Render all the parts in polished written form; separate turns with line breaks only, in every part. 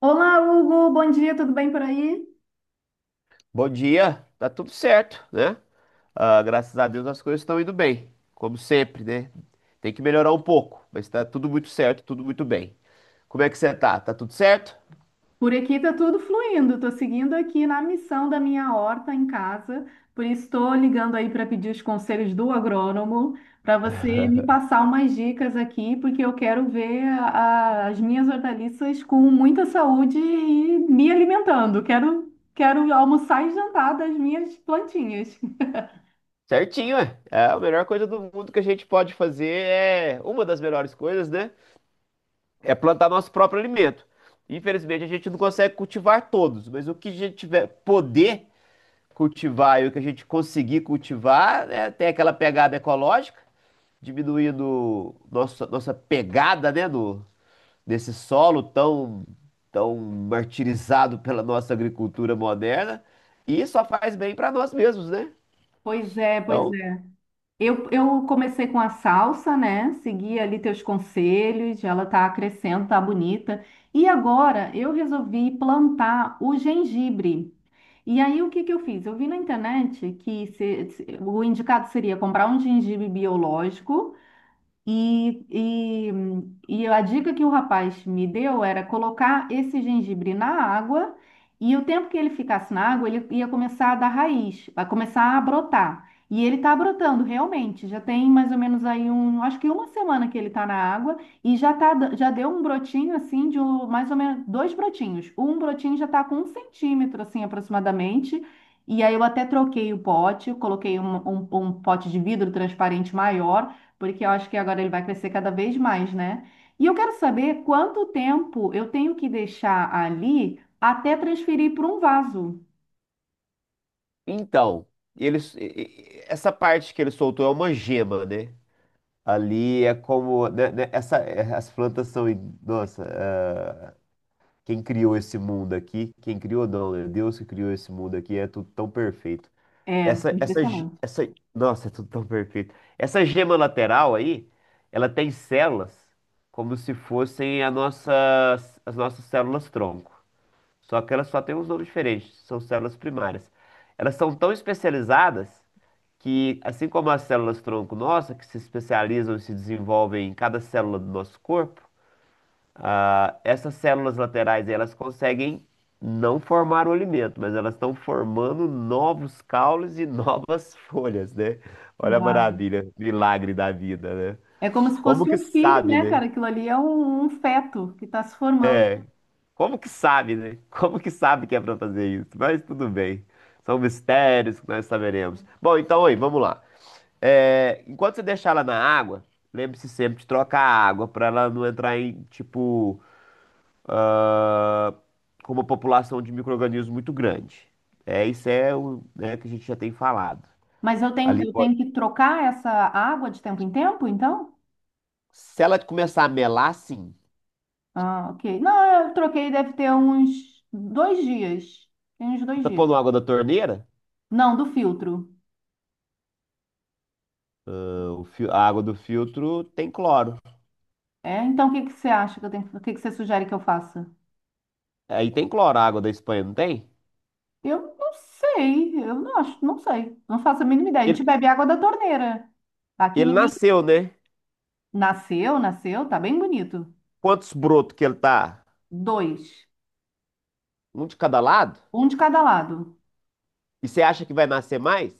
Olá, Hugo, bom dia, tudo bem por aí?
Bom dia, tá tudo certo, né? Ah, graças a Deus as coisas estão indo bem, como sempre, né? Tem que melhorar um pouco, mas tá tudo muito certo, tudo muito bem. Como é que você tá? Tá tudo certo?
Por aqui tá tudo fluindo, tô seguindo aqui na missão da minha horta em casa, por isso estou ligando aí para pedir os conselhos do agrônomo, para você me passar umas dicas aqui, porque eu quero ver as minhas hortaliças com muita saúde e me alimentando. Quero almoçar e jantar das minhas plantinhas.
Certinho, é. É, a melhor coisa do mundo que a gente pode fazer é, uma das melhores coisas, né? É plantar nosso próprio alimento. Infelizmente a gente não consegue cultivar todos, mas o que a gente tiver poder cultivar e o que a gente conseguir cultivar, né, tem aquela pegada ecológica, diminuindo nossa pegada, né, no nesse solo tão, tão martirizado pela nossa agricultura moderna, e só faz bem para nós mesmos, né?
Pois é. pois
Então,
Eu, eu comecei com a salsa, né? Segui ali teus conselhos, ela tá crescendo, tá bonita. E agora eu resolvi plantar o gengibre. E aí o que que eu fiz? Eu vi na internet que o indicado seria comprar um gengibre biológico e, e, e a dica que o rapaz me deu era colocar esse gengibre na água, e o tempo que ele ficasse na água, ele ia começar a dar raiz, vai começar a brotar. E ele está brotando realmente, já tem mais ou menos aí acho que uma semana que ele está na água, e já tá, já deu um brotinho assim mais ou menos dois brotinhos. Um brotinho já está com 1 centímetro assim aproximadamente. E aí eu até troquei o pote, eu coloquei um pote de vidro transparente maior, porque eu acho que agora ele vai crescer cada vez mais, né? E eu quero saber quanto tempo eu tenho que deixar ali até transferir para um vaso.
então eles, e- Essa parte que ele soltou é uma gema, né? Ali é como, essa, as plantas são, nossa, quem criou esse mundo aqui, quem criou não, né? Deus que criou esse mundo aqui é tudo tão perfeito.
É,
Essa, essa, ge-
impressionante.
essa, nossa, é tudo tão perfeito. Essa gema lateral aí, ela tem células como se fossem a nossas, as nossas células tronco. Só que elas só têm uns nomes diferentes, são células primárias. Elas são tão especializadas que, assim como as células tronco nossa, que se especializam e se desenvolvem em cada célula do nosso corpo, essas células laterais, elas conseguem não formar o alimento, mas elas estão formando novos caules e novas folhas, né? Olha a
Uau.
maravilha, milagre da vida, né?
É como se
Como
fosse
que
um filho,
sabe,
né,
né?
cara? Aquilo ali é um feto que está se formando.
Como que sabe, né? Como que sabe que é para fazer isso? Mas tudo bem. São mistérios que nós saberemos. Bom, então aí, vamos lá. É, enquanto você deixar ela na água, lembre-se sempre de trocar a água para ela não entrar em, tipo, ah, com uma população de micro-organismos muito grande. É, isso é o, né, que a gente já tem falado.
Mas eu tenho,
Ali
eu
pode-
tenho que trocar essa água de tempo em tempo, então?
Se ela começar a melar, sim.
Ah, ok. Não, eu troquei, deve ter uns 2 dias. Tem uns
Você
dois
tá pondo
dias.
água da torneira?
Não, do filtro.
A água do filtro tem cloro.
É, então o que que você acha que eu tenho, o que que você sugere que eu faça?
Aí tem cloro, a água da Espanha, não tem?
Eu não sei, eu não acho, não sei, não faço a mínima ideia. A gente
Ele,
bebe água da torneira. Aqui
ele
ninguém
nasceu, né?
nasceu, tá bem bonito.
Quantos brotos que ele tá?
Dois,
Um de cada lado?
um de cada lado.
E você acha que vai nascer mais?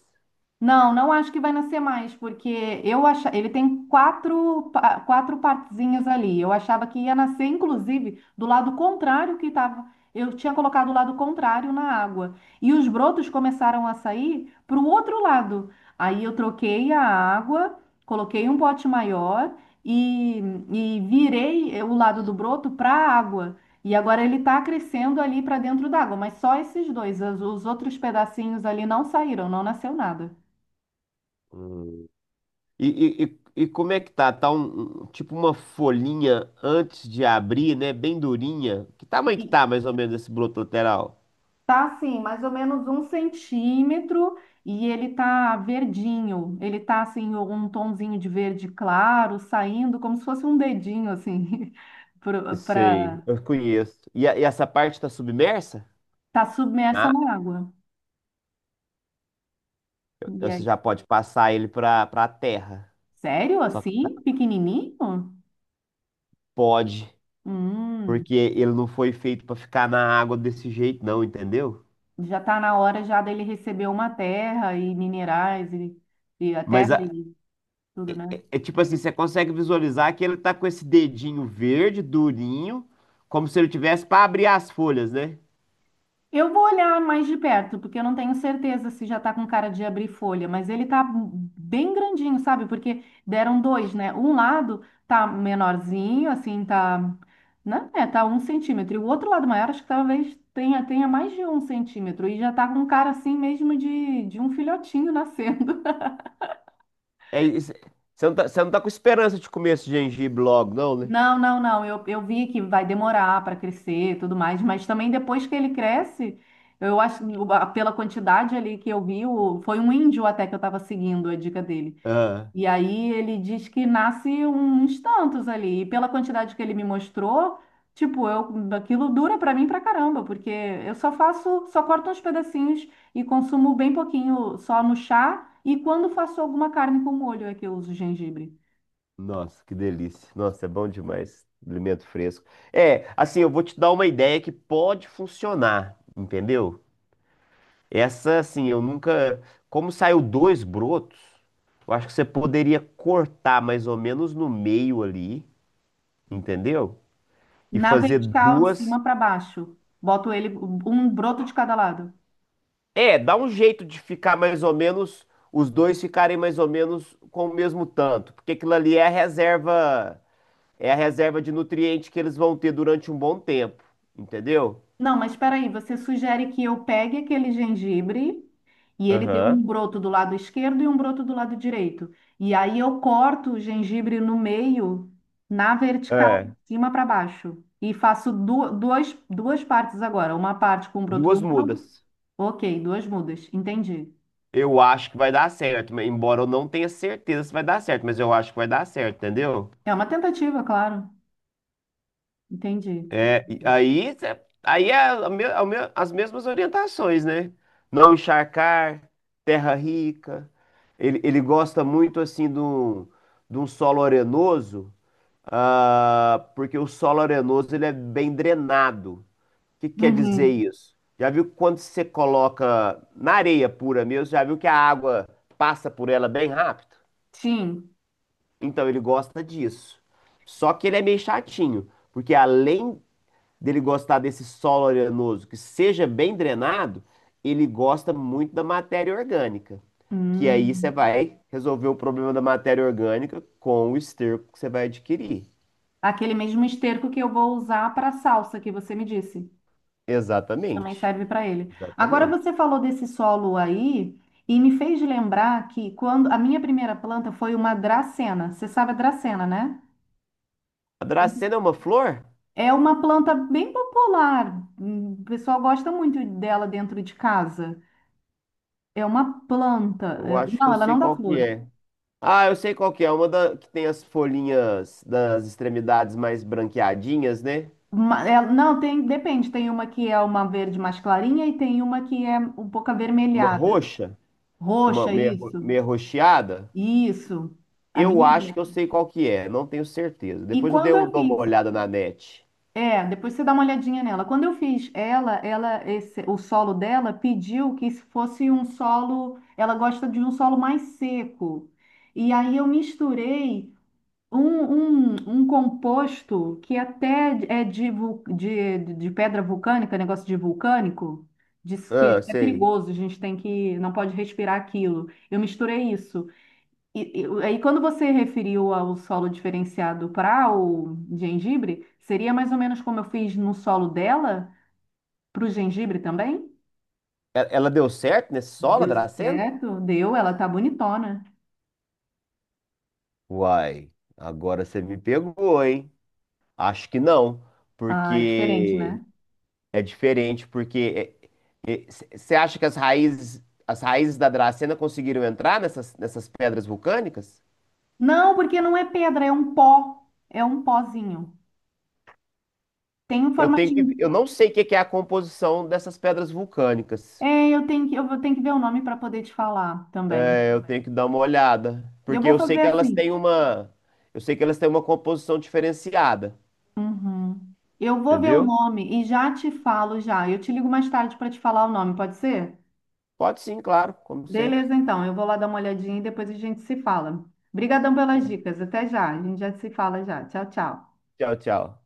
Não, não acho que vai nascer mais, porque ele tem quatro partezinhas ali. Eu achava que ia nascer, inclusive, do lado contrário que estava. Eu tinha colocado o lado contrário na água. E os brotos começaram a sair para o outro lado. Aí eu troquei a água, coloquei um pote maior e, e virei o lado do broto para a água. E agora ele está crescendo ali para dentro d'água, mas só esses dois. Os outros pedacinhos ali não saíram, não nasceu nada.
Hum. Como é que tá? Tá tipo uma folhinha antes de abrir, né? Bem durinha. Que tamanho que
E
tá mais ou menos esse broto lateral?
tá assim, mais ou menos 1 centímetro, e ele tá verdinho. Ele tá assim, um tonzinho de verde claro, saindo como se fosse um dedinho, assim,
Sei,
pra
eu conheço. E, e essa parte tá submersa?
tá submersa
Ah.
na água. E
Você
aí,
já pode passar ele pra terra.
sério
Só que tá,
assim? Pequenininho?
pode,
Hum,
porque ele não foi feito pra ficar na água desse jeito, não, entendeu?
Já tá na hora já dele receber uma terra e minerais e a
Mas
terra
a-
e tudo,
é,
né?
é tipo assim, você consegue visualizar que ele tá com esse dedinho verde, durinho, como se ele tivesse pra abrir as folhas, né?
Eu vou olhar mais de perto, porque eu não tenho certeza se já tá com cara de abrir folha, mas ele tá bem grandinho, sabe? Porque deram dois, né? Um lado tá menorzinho, assim, tá, né? É, tá 1 centímetro. E o outro lado maior, acho que talvez tenha mais de 1 centímetro. E já tá com cara, assim, mesmo de um filhotinho nascer.
É isso. É, você não tá, você não tá com esperança de comer esse gengibre logo, não, né?
Não, não, não. Eu vi que vai demorar para crescer e tudo mais, mas também depois que ele cresce, eu acho, pela quantidade ali que eu vi, foi um índio até que eu estava seguindo a dica dele.
Ah,
E aí ele diz que nasce uns tantos ali. E pela quantidade que ele me mostrou, tipo, aquilo dura para mim pra caramba, porque só corto uns pedacinhos e consumo bem pouquinho só no chá, e quando faço alguma carne com molho é que eu uso gengibre.
nossa, que delícia. Nossa, é bom demais. Alimento fresco. É, assim, eu vou te dar uma ideia que pode funcionar, entendeu? Essa, assim, eu nunca. Como saiu dois brotos, eu acho que você poderia cortar mais ou menos no meio ali, entendeu? E
Na
fazer
vertical, de
duas.
cima para baixo. Boto ele um broto de cada lado.
É, dá um jeito de ficar mais ou menos, os dois ficarem mais ou menos com o mesmo tanto, porque aquilo ali é a reserva de nutriente que eles vão ter durante um bom tempo, entendeu?
Não, mas espera aí, você sugere que eu pegue aquele gengibre, e ele deu um
Aham.
broto do lado esquerdo e um broto do lado direito. E aí eu corto o gengibre no meio, na vertical, de
É,
cima para baixo. E faço duas partes agora. Uma parte com um broto
duas
do lado.
mudas.
Ok, duas mudas. Entendi.
Eu acho que vai dar certo, mas embora eu não tenha certeza se vai dar certo, mas eu acho que vai dar certo, entendeu?
É uma tentativa, claro. Entendi.
É, e aí, as mesmas orientações, né? Não encharcar, terra rica. Ele gosta muito assim de um solo arenoso, ah, porque o solo arenoso ele é bem drenado. O que que quer dizer
Uhum.
isso? Já viu quando você coloca na areia pura mesmo, já viu que a água passa por ela bem rápido?
Sim.
Então ele gosta disso. Só que ele é meio chatinho, porque além dele gostar desse solo arenoso que seja bem drenado, ele gosta muito da matéria orgânica. Que aí você
Hum.
vai resolver o problema da matéria orgânica com o esterco que você vai adquirir.
Aquele mesmo esterco que eu vou usar para a salsa que você me disse. Também
Exatamente.
serve para ele. Agora
Exatamente.
você falou desse solo aí e me fez lembrar que quando a minha primeira planta foi uma dracena. Você sabe a dracena, né?
A
Sim.
dracena é uma flor?
É uma planta bem popular. O pessoal gosta muito dela dentro de casa. É uma planta.
Eu acho que
Não,
eu
ela
sei
não dá
qual que
flor.
é. Ah, eu sei qual que é. Uma da, que tem as folhinhas das extremidades mais branqueadinhas, né?
Não, tem, depende. Tem uma que é uma verde mais clarinha e tem uma que é um pouco
Uma
avermelhada.
roxa, uma
Roxa, isso.
meia roxeada.
Isso, a
Eu
minha
acho
dela.
que eu sei qual que é, não tenho certeza.
E
Depois eu
quando eu
dou uma
fiz,
olhada na net.
depois você dá uma olhadinha nela. Quando eu fiz o solo dela pediu que se fosse um solo, ela gosta de um solo mais seco. E aí eu misturei um, um composto que até é de pedra vulcânica, negócio de vulcânico, diz que
Ah,
é
sei.
perigoso, a gente tem que, não pode respirar aquilo. Eu misturei isso. E aí, quando você referiu ao solo diferenciado para o gengibre, seria mais ou menos como eu fiz no solo dela, para o gengibre também?
E ela deu certo nesse solo, a
Deu
dracena?
certo? Deu, ela tá bonitona.
Uai, agora você me pegou, hein? Acho que não,
Ah, é diferente,
porque
né?
é diferente, porque é, é, você acha que as raízes da dracena conseguiram entrar nessas pedras vulcânicas?
Não, porque não é pedra, é um pó. É um pozinho. Tem um
Eu tenho que,
formatinho.
eu não sei o que que é a composição dessas pedras vulcânicas.
É, eu vou ter que ver o nome para poder te falar também.
Eu tenho que dar uma olhada,
Eu
porque
vou
eu sei
fazer
que elas têm
assim.
uma, eu sei que elas têm uma composição diferenciada,
Uhum. Eu vou ver o
entendeu?
nome e já te falo já. Eu te ligo mais tarde para te falar o nome, pode ser?
Pode sim, claro, como sempre.
Beleza, então. Eu vou lá dar uma olhadinha e depois a gente se fala. Obrigadão pelas dicas. Até já. A gente já se fala já. Tchau, tchau.
Tchau, tchau.